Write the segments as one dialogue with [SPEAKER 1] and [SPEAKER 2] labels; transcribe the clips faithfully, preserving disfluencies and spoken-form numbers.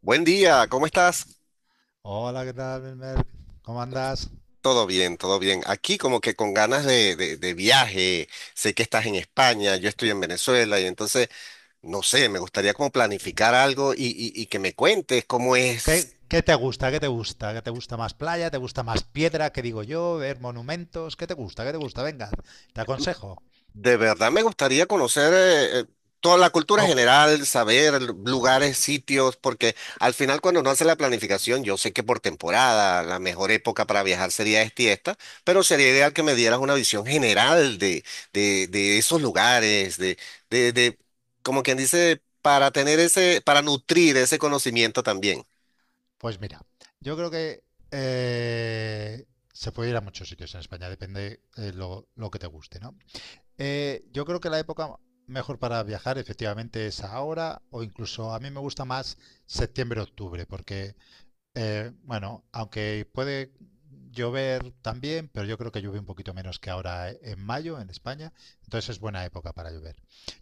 [SPEAKER 1] Buen día, ¿cómo estás?
[SPEAKER 2] Hola, ¿qué tal, Belmer? ¿Cómo andas?
[SPEAKER 1] Todo bien, todo bien. Aquí como que con ganas de, de- de viaje. Sé que estás en España, yo estoy en Venezuela y entonces, no sé, me gustaría como planificar algo y, y- y que me cuentes cómo
[SPEAKER 2] ¿Qué,
[SPEAKER 1] es.
[SPEAKER 2] qué te gusta? ¿Qué te gusta? ¿Qué te gusta más, playa? ¿Te gusta más piedra? ¿Qué digo yo? ¿Ver monumentos? ¿Qué te gusta? ¿Qué te gusta? Venga, te aconsejo.
[SPEAKER 1] De verdad me gustaría conocer eh, eh, toda la cultura
[SPEAKER 2] O-
[SPEAKER 1] general, saber l- lugares, sitios, porque al final cuando uno hace la planificación, yo sé que por temporada la mejor época para viajar sería esta y esta, pero sería ideal que me dieras una visión general de, de, de esos lugares, de, de, de, como quien dice, para tener ese, para nutrir ese conocimiento también.
[SPEAKER 2] pues mira, yo creo que eh, se puede ir a muchos sitios en España, depende, eh, lo, lo que te guste, ¿no? Eh, yo creo que la época mejor para viajar efectivamente es ahora, o incluso a mí me gusta más septiembre-octubre, porque, Eh, bueno, aunque puede llover también, pero yo creo que llueve un poquito menos que ahora, eh, en mayo en España, entonces es buena época para llover.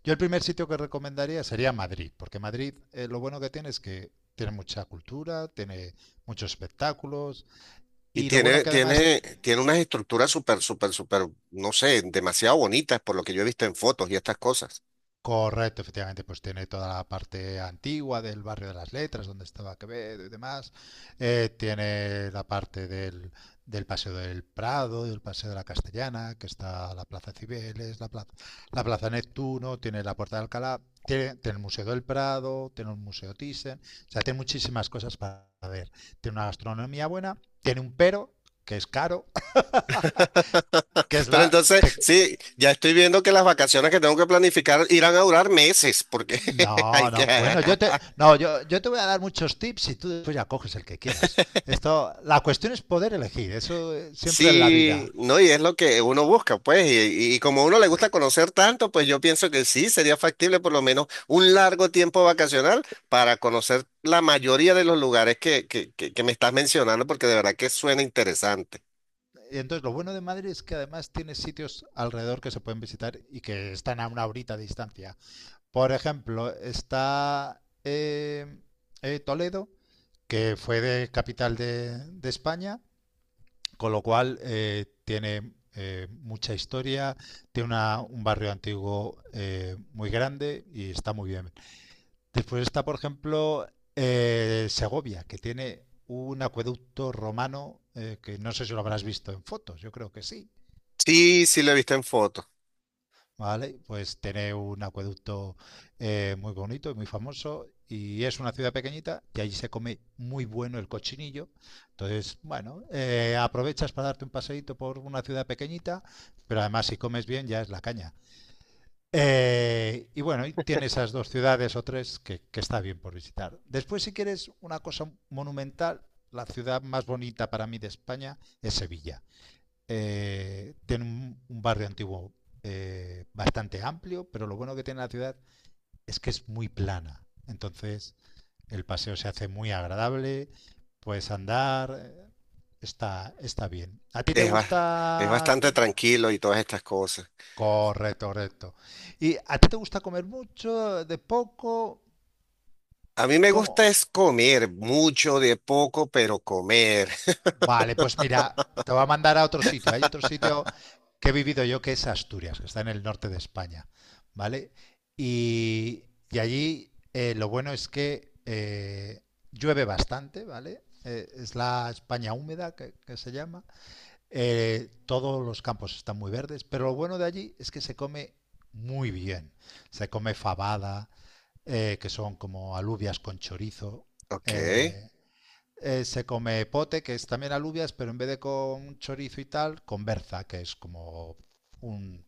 [SPEAKER 2] Yo el primer sitio que recomendaría sería Madrid, porque Madrid, eh, lo bueno que tiene es que tiene mucha cultura, tiene muchos espectáculos,
[SPEAKER 1] Y
[SPEAKER 2] y lo bueno
[SPEAKER 1] tiene,
[SPEAKER 2] que además…
[SPEAKER 1] tiene, tiene unas estructuras súper, súper, súper, no sé, demasiado bonitas por lo que yo he visto en fotos y estas cosas.
[SPEAKER 2] Correcto, efectivamente, pues tiene toda la parte antigua del barrio de las letras, donde estaba Quevedo y demás. Eh, tiene la parte del, del Paseo del Prado, del Paseo de la Castellana, que está la Plaza Cibeles, la plaza, la plaza Neptuno, tiene la Puerta de Alcalá, tiene, tiene el Museo del Prado, tiene un Museo Thyssen, o sea, tiene muchísimas cosas para ver. Tiene una gastronomía buena, tiene un pero, que es caro, que es
[SPEAKER 1] Pero
[SPEAKER 2] la,
[SPEAKER 1] entonces,
[SPEAKER 2] que…
[SPEAKER 1] sí, ya estoy viendo que las vacaciones que tengo que planificar irán a durar meses, porque
[SPEAKER 2] No,
[SPEAKER 1] hay que...
[SPEAKER 2] no, bueno, yo te, no, yo, yo te voy a dar muchos tips y tú después ya coges el que quieras. Esto, la cuestión es poder elegir, eso, eh, siempre en la
[SPEAKER 1] Sí,
[SPEAKER 2] vida.
[SPEAKER 1] no, y es lo que uno busca, pues, y, y como a uno le gusta conocer tanto, pues yo pienso que sí, sería factible por lo menos un largo tiempo vacacional para conocer la mayoría de los lugares que, que, que, que me estás mencionando, porque de verdad que suena interesante.
[SPEAKER 2] Y entonces lo bueno de Madrid es que además tiene sitios alrededor que se pueden visitar y que están a una horita de distancia. Por ejemplo, está, eh, eh, Toledo, que fue de capital de, de España. Con lo cual, eh, tiene, eh, mucha historia, tiene una- un barrio antiguo, eh, muy grande, y está muy bien. Después está, por ejemplo, eh, Segovia, que tiene un acueducto romano, eh, que no sé si lo habrás visto en fotos, yo creo que sí.
[SPEAKER 1] Sí, sí lo he visto en fotos,
[SPEAKER 2] ¿Vale? Pues tiene un acueducto, eh, muy bonito y muy famoso, y es una ciudad pequeñita, y allí se come muy bueno el cochinillo. Entonces, bueno, eh, aprovechas para darte un paseíto por una ciudad pequeñita, pero además si comes bien ya es la caña. Eh, y bueno, y tiene esas dos ciudades o tres que, que está bien por visitar. Después, si quieres una cosa monumental, la ciudad más bonita para mí de España es Sevilla. Eh, tiene un, un, barrio antiguo, eh, bastante amplio, pero lo bueno que tiene la ciudad es que es muy plana. Entonces el paseo se hace muy agradable, puedes andar, eh, está, está bien. ¿A ti te
[SPEAKER 1] es, ba- es
[SPEAKER 2] gusta?
[SPEAKER 1] bastante tranquilo y todas estas cosas.
[SPEAKER 2] Correcto, correcto. ¿Y a ti te gusta comer mucho, de poco?
[SPEAKER 1] A mí me
[SPEAKER 2] ¿Cómo?
[SPEAKER 1] gusta es comer mucho de poco, pero comer.
[SPEAKER 2] Vale, pues mira, te voy a mandar a otro sitio. Hay otro sitio que he vivido yo que es Asturias, que está en el norte de España, ¿vale? Y, y allí, eh, lo bueno es que, eh, llueve bastante, ¿vale? Eh, es la España húmeda que, que se llama. Eh, todos los campos están muy verdes, pero lo bueno de allí es que se come muy bien. Se come fabada, eh, que son como alubias con chorizo,
[SPEAKER 1] Ok.
[SPEAKER 2] eh, eh, se come pote, que es también alubias, pero en vez de con chorizo y tal, con berza, que es como un-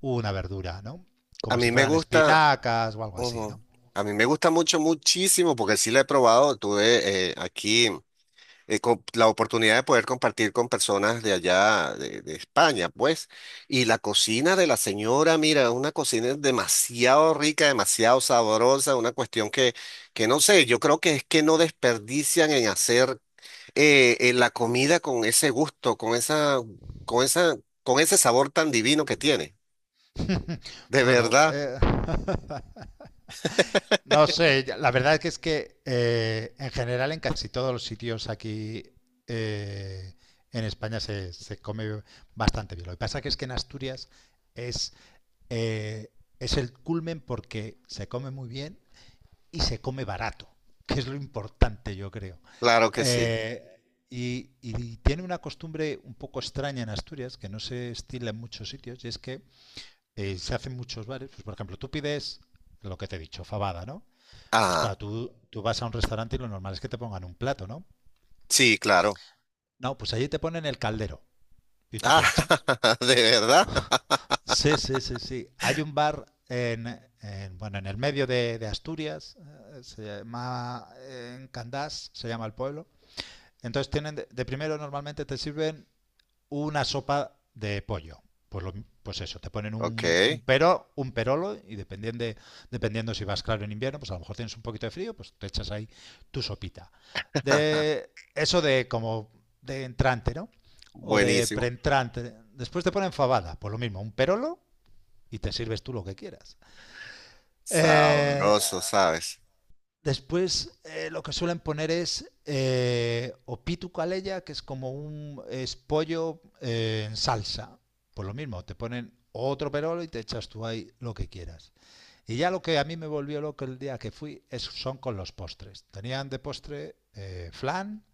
[SPEAKER 2] una verdura, ¿no?
[SPEAKER 1] A
[SPEAKER 2] Como
[SPEAKER 1] mí
[SPEAKER 2] si
[SPEAKER 1] me
[SPEAKER 2] fueran
[SPEAKER 1] gusta,
[SPEAKER 2] espinacas o algo así, ¿no?
[SPEAKER 1] ujú. A mí me gusta mucho, muchísimo, porque sí la he probado. Tuve eh, aquí eh, co- la oportunidad de poder compartir con personas de allá, de, de España, pues. Y la cocina de la señora, mira, una cocina demasiado rica, demasiado sabrosa, una cuestión que, que no sé, yo creo que es que no desperdician en hacer eh, eh, la comida con ese gusto, con esa, con esa, con ese sabor tan divino que tiene. De
[SPEAKER 2] Bueno,
[SPEAKER 1] verdad,
[SPEAKER 2] eh, no sé, la verdad es que es que, eh, en general en casi todos los sitios aquí, eh, en España se, se come bastante bien. Lo que pasa que es que en Asturias es, eh, es el culmen, porque se come muy bien y se come barato, que es lo importante, yo creo.
[SPEAKER 1] claro que sí.
[SPEAKER 2] Eh, y, y tiene una costumbre un poco extraña en Asturias, que no se estila en muchos sitios, y es que, eh, se hacen muchos bares. Pues, por ejemplo, tú pides lo que te he dicho, fabada, ¿no? Pues
[SPEAKER 1] Ah,
[SPEAKER 2] claro, tú, tú vas a un restaurante y lo normal es que te pongan un plato, ¿no?
[SPEAKER 1] sí, claro.
[SPEAKER 2] No, pues allí te ponen el caldero y tú
[SPEAKER 1] Ah,
[SPEAKER 2] te echas.
[SPEAKER 1] de verdad.
[SPEAKER 2] Sí, sí, sí, sí. Hay un bar en, en, bueno, en el medio de, de Asturias, eh, se llama, eh, en Candás, se llama el pueblo. Entonces tienen de, de primero normalmente te sirven una sopa de pollo. Pues, lo- pues eso, te ponen
[SPEAKER 1] Ok.
[SPEAKER 2] un, un pero, un perolo, y dependiendo de, dependiendo si vas claro en invierno, pues a lo mejor tienes un poquito de frío, pues te echas ahí tu sopita. De eso, de como de entrante, ¿no? O de
[SPEAKER 1] Buenísimo.
[SPEAKER 2] preentrante. Después te ponen fabada, pues lo mismo, un perolo, y te sirves tú lo que quieras. Eh,
[SPEAKER 1] Sabroso, ¿sabes?
[SPEAKER 2] Después, eh, lo que suelen poner es, eh, opitu caleya, que es como un, es pollo, eh, en salsa. Pues lo mismo, te ponen otro perolo y te echas tú ahí lo que quieras. Y ya lo que a mí me volvió loco el día que fui es, son con los postres. Tenían de postre, eh, flan,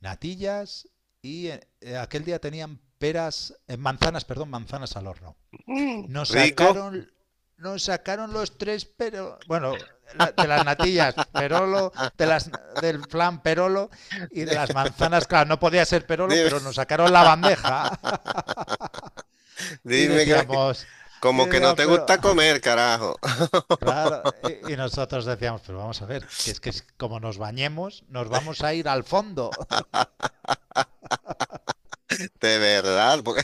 [SPEAKER 2] natillas, y eh, aquel día tenían peras, eh, manzanas, perdón, manzanas al horno.
[SPEAKER 1] Mm,
[SPEAKER 2] Nos
[SPEAKER 1] rico.
[SPEAKER 2] sacaron, nos sacaron los tres, pero bueno, la- de las natillas Perolo, de las, del flan Perolo, y de las manzanas, claro, no podía ser Perolo,
[SPEAKER 1] Dime,
[SPEAKER 2] pero nos sacaron la bandeja. Y
[SPEAKER 1] dime que
[SPEAKER 2] decíamos, y
[SPEAKER 1] como que no
[SPEAKER 2] decíamos,
[SPEAKER 1] te
[SPEAKER 2] pero
[SPEAKER 1] gusta comer, carajo.
[SPEAKER 2] claro, y, y nosotros decíamos, pero vamos a ver, que es que es como nos bañemos, nos vamos a ir al fondo.
[SPEAKER 1] De verdad, porque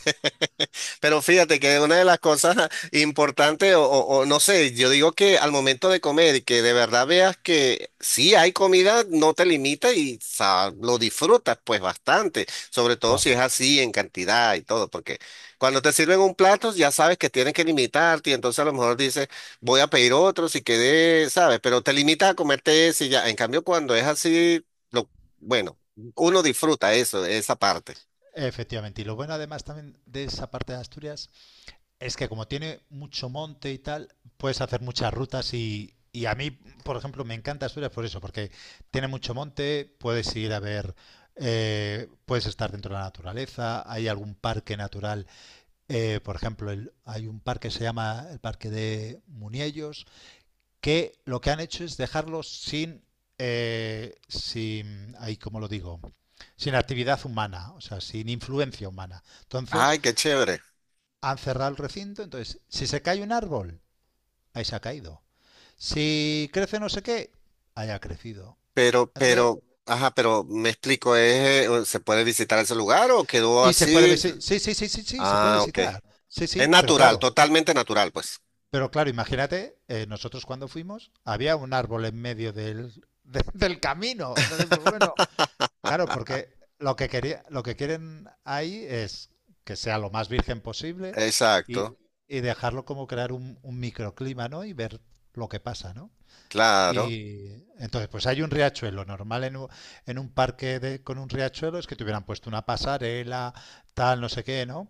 [SPEAKER 1] pero fíjate que una de las cosas importantes, o, o- o no sé, yo digo que al momento de comer y que de verdad veas que sí hay comida, no te limita y sa- lo disfrutas pues bastante, sobre todo si es
[SPEAKER 2] Correcto.
[SPEAKER 1] así en cantidad y todo, porque cuando te sirven un plato ya sabes que tienes que limitarte y entonces a lo mejor dices, voy a pedir otro si quedé, ¿sabes? Pero te limitas a comerte ese y ya. En cambio, cuando es así, lo, bueno, uno disfruta eso, esa parte.
[SPEAKER 2] Efectivamente, y lo bueno además también de esa parte de Asturias es que como tiene mucho monte y tal, puedes hacer muchas rutas. Y, y a mí, por ejemplo, me encanta Asturias por eso, porque tiene mucho monte, puedes ir a ver, eh, puedes estar dentro de la naturaleza, hay algún parque natural, eh, por ejemplo, el- hay un parque que se llama el Parque de Muniellos, que lo que han hecho es dejarlo sin, eh, sin, ahí como lo digo, sin actividad humana, o sea, sin influencia humana. Entonces,
[SPEAKER 1] Ay, qué chévere.
[SPEAKER 2] han cerrado el recinto, entonces, si se cae un árbol, ahí se ha caído. Si crece no sé qué, ahí ha crecido.
[SPEAKER 1] Pero,
[SPEAKER 2] Entonces,
[SPEAKER 1] pero, ajá, pero me explico, ¿es, eh, se puede visitar ese lugar o quedó
[SPEAKER 2] y se puede
[SPEAKER 1] así?
[SPEAKER 2] visitar, sí, sí, sí, sí, sí, se puede
[SPEAKER 1] Ah, ok.
[SPEAKER 2] visitar. Sí,
[SPEAKER 1] Es
[SPEAKER 2] sí, pero
[SPEAKER 1] natural,
[SPEAKER 2] claro,
[SPEAKER 1] totalmente natural, pues.
[SPEAKER 2] pero claro, imagínate, eh, nosotros cuando fuimos, había un árbol en medio del, de- del camino. Entonces, pues bueno, claro, porque lo que quería, lo que quieren ahí es que sea lo más virgen posible, y,
[SPEAKER 1] Exacto,
[SPEAKER 2] y dejarlo, como crear un, un microclima, ¿no? Y ver lo que pasa, ¿no?
[SPEAKER 1] claro.
[SPEAKER 2] Y entonces, pues hay un riachuelo. Normal en un, en un parque de- con un riachuelo es que te hubieran puesto una pasarela, tal, no sé qué, ¿no?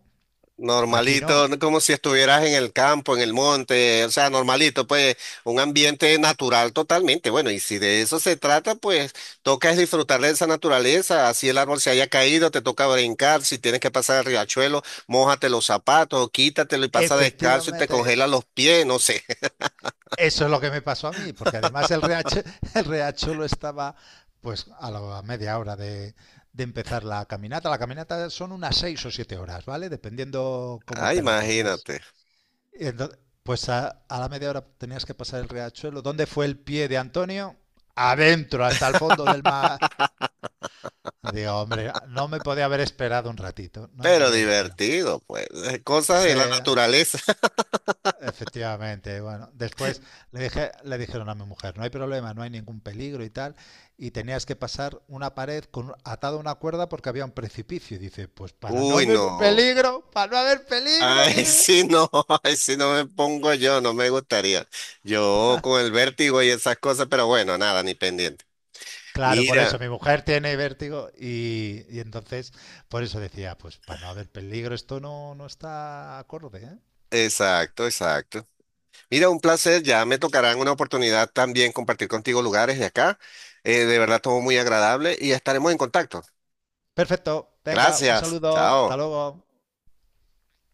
[SPEAKER 2] Aquí
[SPEAKER 1] Normalito,
[SPEAKER 2] no.
[SPEAKER 1] no como si estuvieras en el campo, en el monte, o sea, normalito, pues un ambiente natural totalmente. Bueno, y si de eso se trata, pues toca es disfrutar de esa naturaleza, así el árbol se haya caído, te toca brincar, si tienes que pasar el riachuelo, mójate los zapatos, quítatelo y pasa descalzo y te
[SPEAKER 2] Efectivamente,
[SPEAKER 1] congela los pies, no sé.
[SPEAKER 2] eso es lo que me pasó a mí, porque además el riachuelo, el riachuelo estaba pues a la media hora de, de empezar la caminata. La caminata son unas seis o siete horas, ¿vale? Dependiendo cómo
[SPEAKER 1] Ah,
[SPEAKER 2] te la tomes.
[SPEAKER 1] imagínate,
[SPEAKER 2] Y ento- pues a, a la media hora tenías que pasar el riachuelo. ¿Dónde fue el pie de Antonio? Adentro, hasta el fondo del mar. Digo, hombre, no me podía haber esperado un ratito. No me
[SPEAKER 1] pero
[SPEAKER 2] podía haber esperado.
[SPEAKER 1] divertido, pues, cosas de la
[SPEAKER 2] Sí,
[SPEAKER 1] naturaleza.
[SPEAKER 2] efectivamente. Bueno, después le dije, le dijeron a mi mujer, no hay problema, no hay ningún peligro y tal. Y tenías que pasar una pared con, atada a una cuerda porque había un precipicio. Y dice, pues para no
[SPEAKER 1] Uy,
[SPEAKER 2] haber
[SPEAKER 1] no.
[SPEAKER 2] peligro, para no haber peligro,
[SPEAKER 1] Ay,
[SPEAKER 2] dice.
[SPEAKER 1] sí, no, ay, sí, no me pongo yo, no me gustaría. Yo con el vértigo y esas cosas, pero bueno, nada, ni pendiente.
[SPEAKER 2] Claro, por
[SPEAKER 1] Mira,
[SPEAKER 2] eso mi mujer tiene vértigo, y, y entonces por eso decía, pues para no haber peligro, esto no, no está acorde, ¿eh?
[SPEAKER 1] exacto, exacto. Mira, un placer, ya me tocarán una oportunidad también compartir contigo lugares de acá. Eh, de verdad, todo muy agradable y estaremos en contacto.
[SPEAKER 2] Perfecto, venga, un
[SPEAKER 1] Gracias,
[SPEAKER 2] saludo, hasta
[SPEAKER 1] chao.
[SPEAKER 2] luego.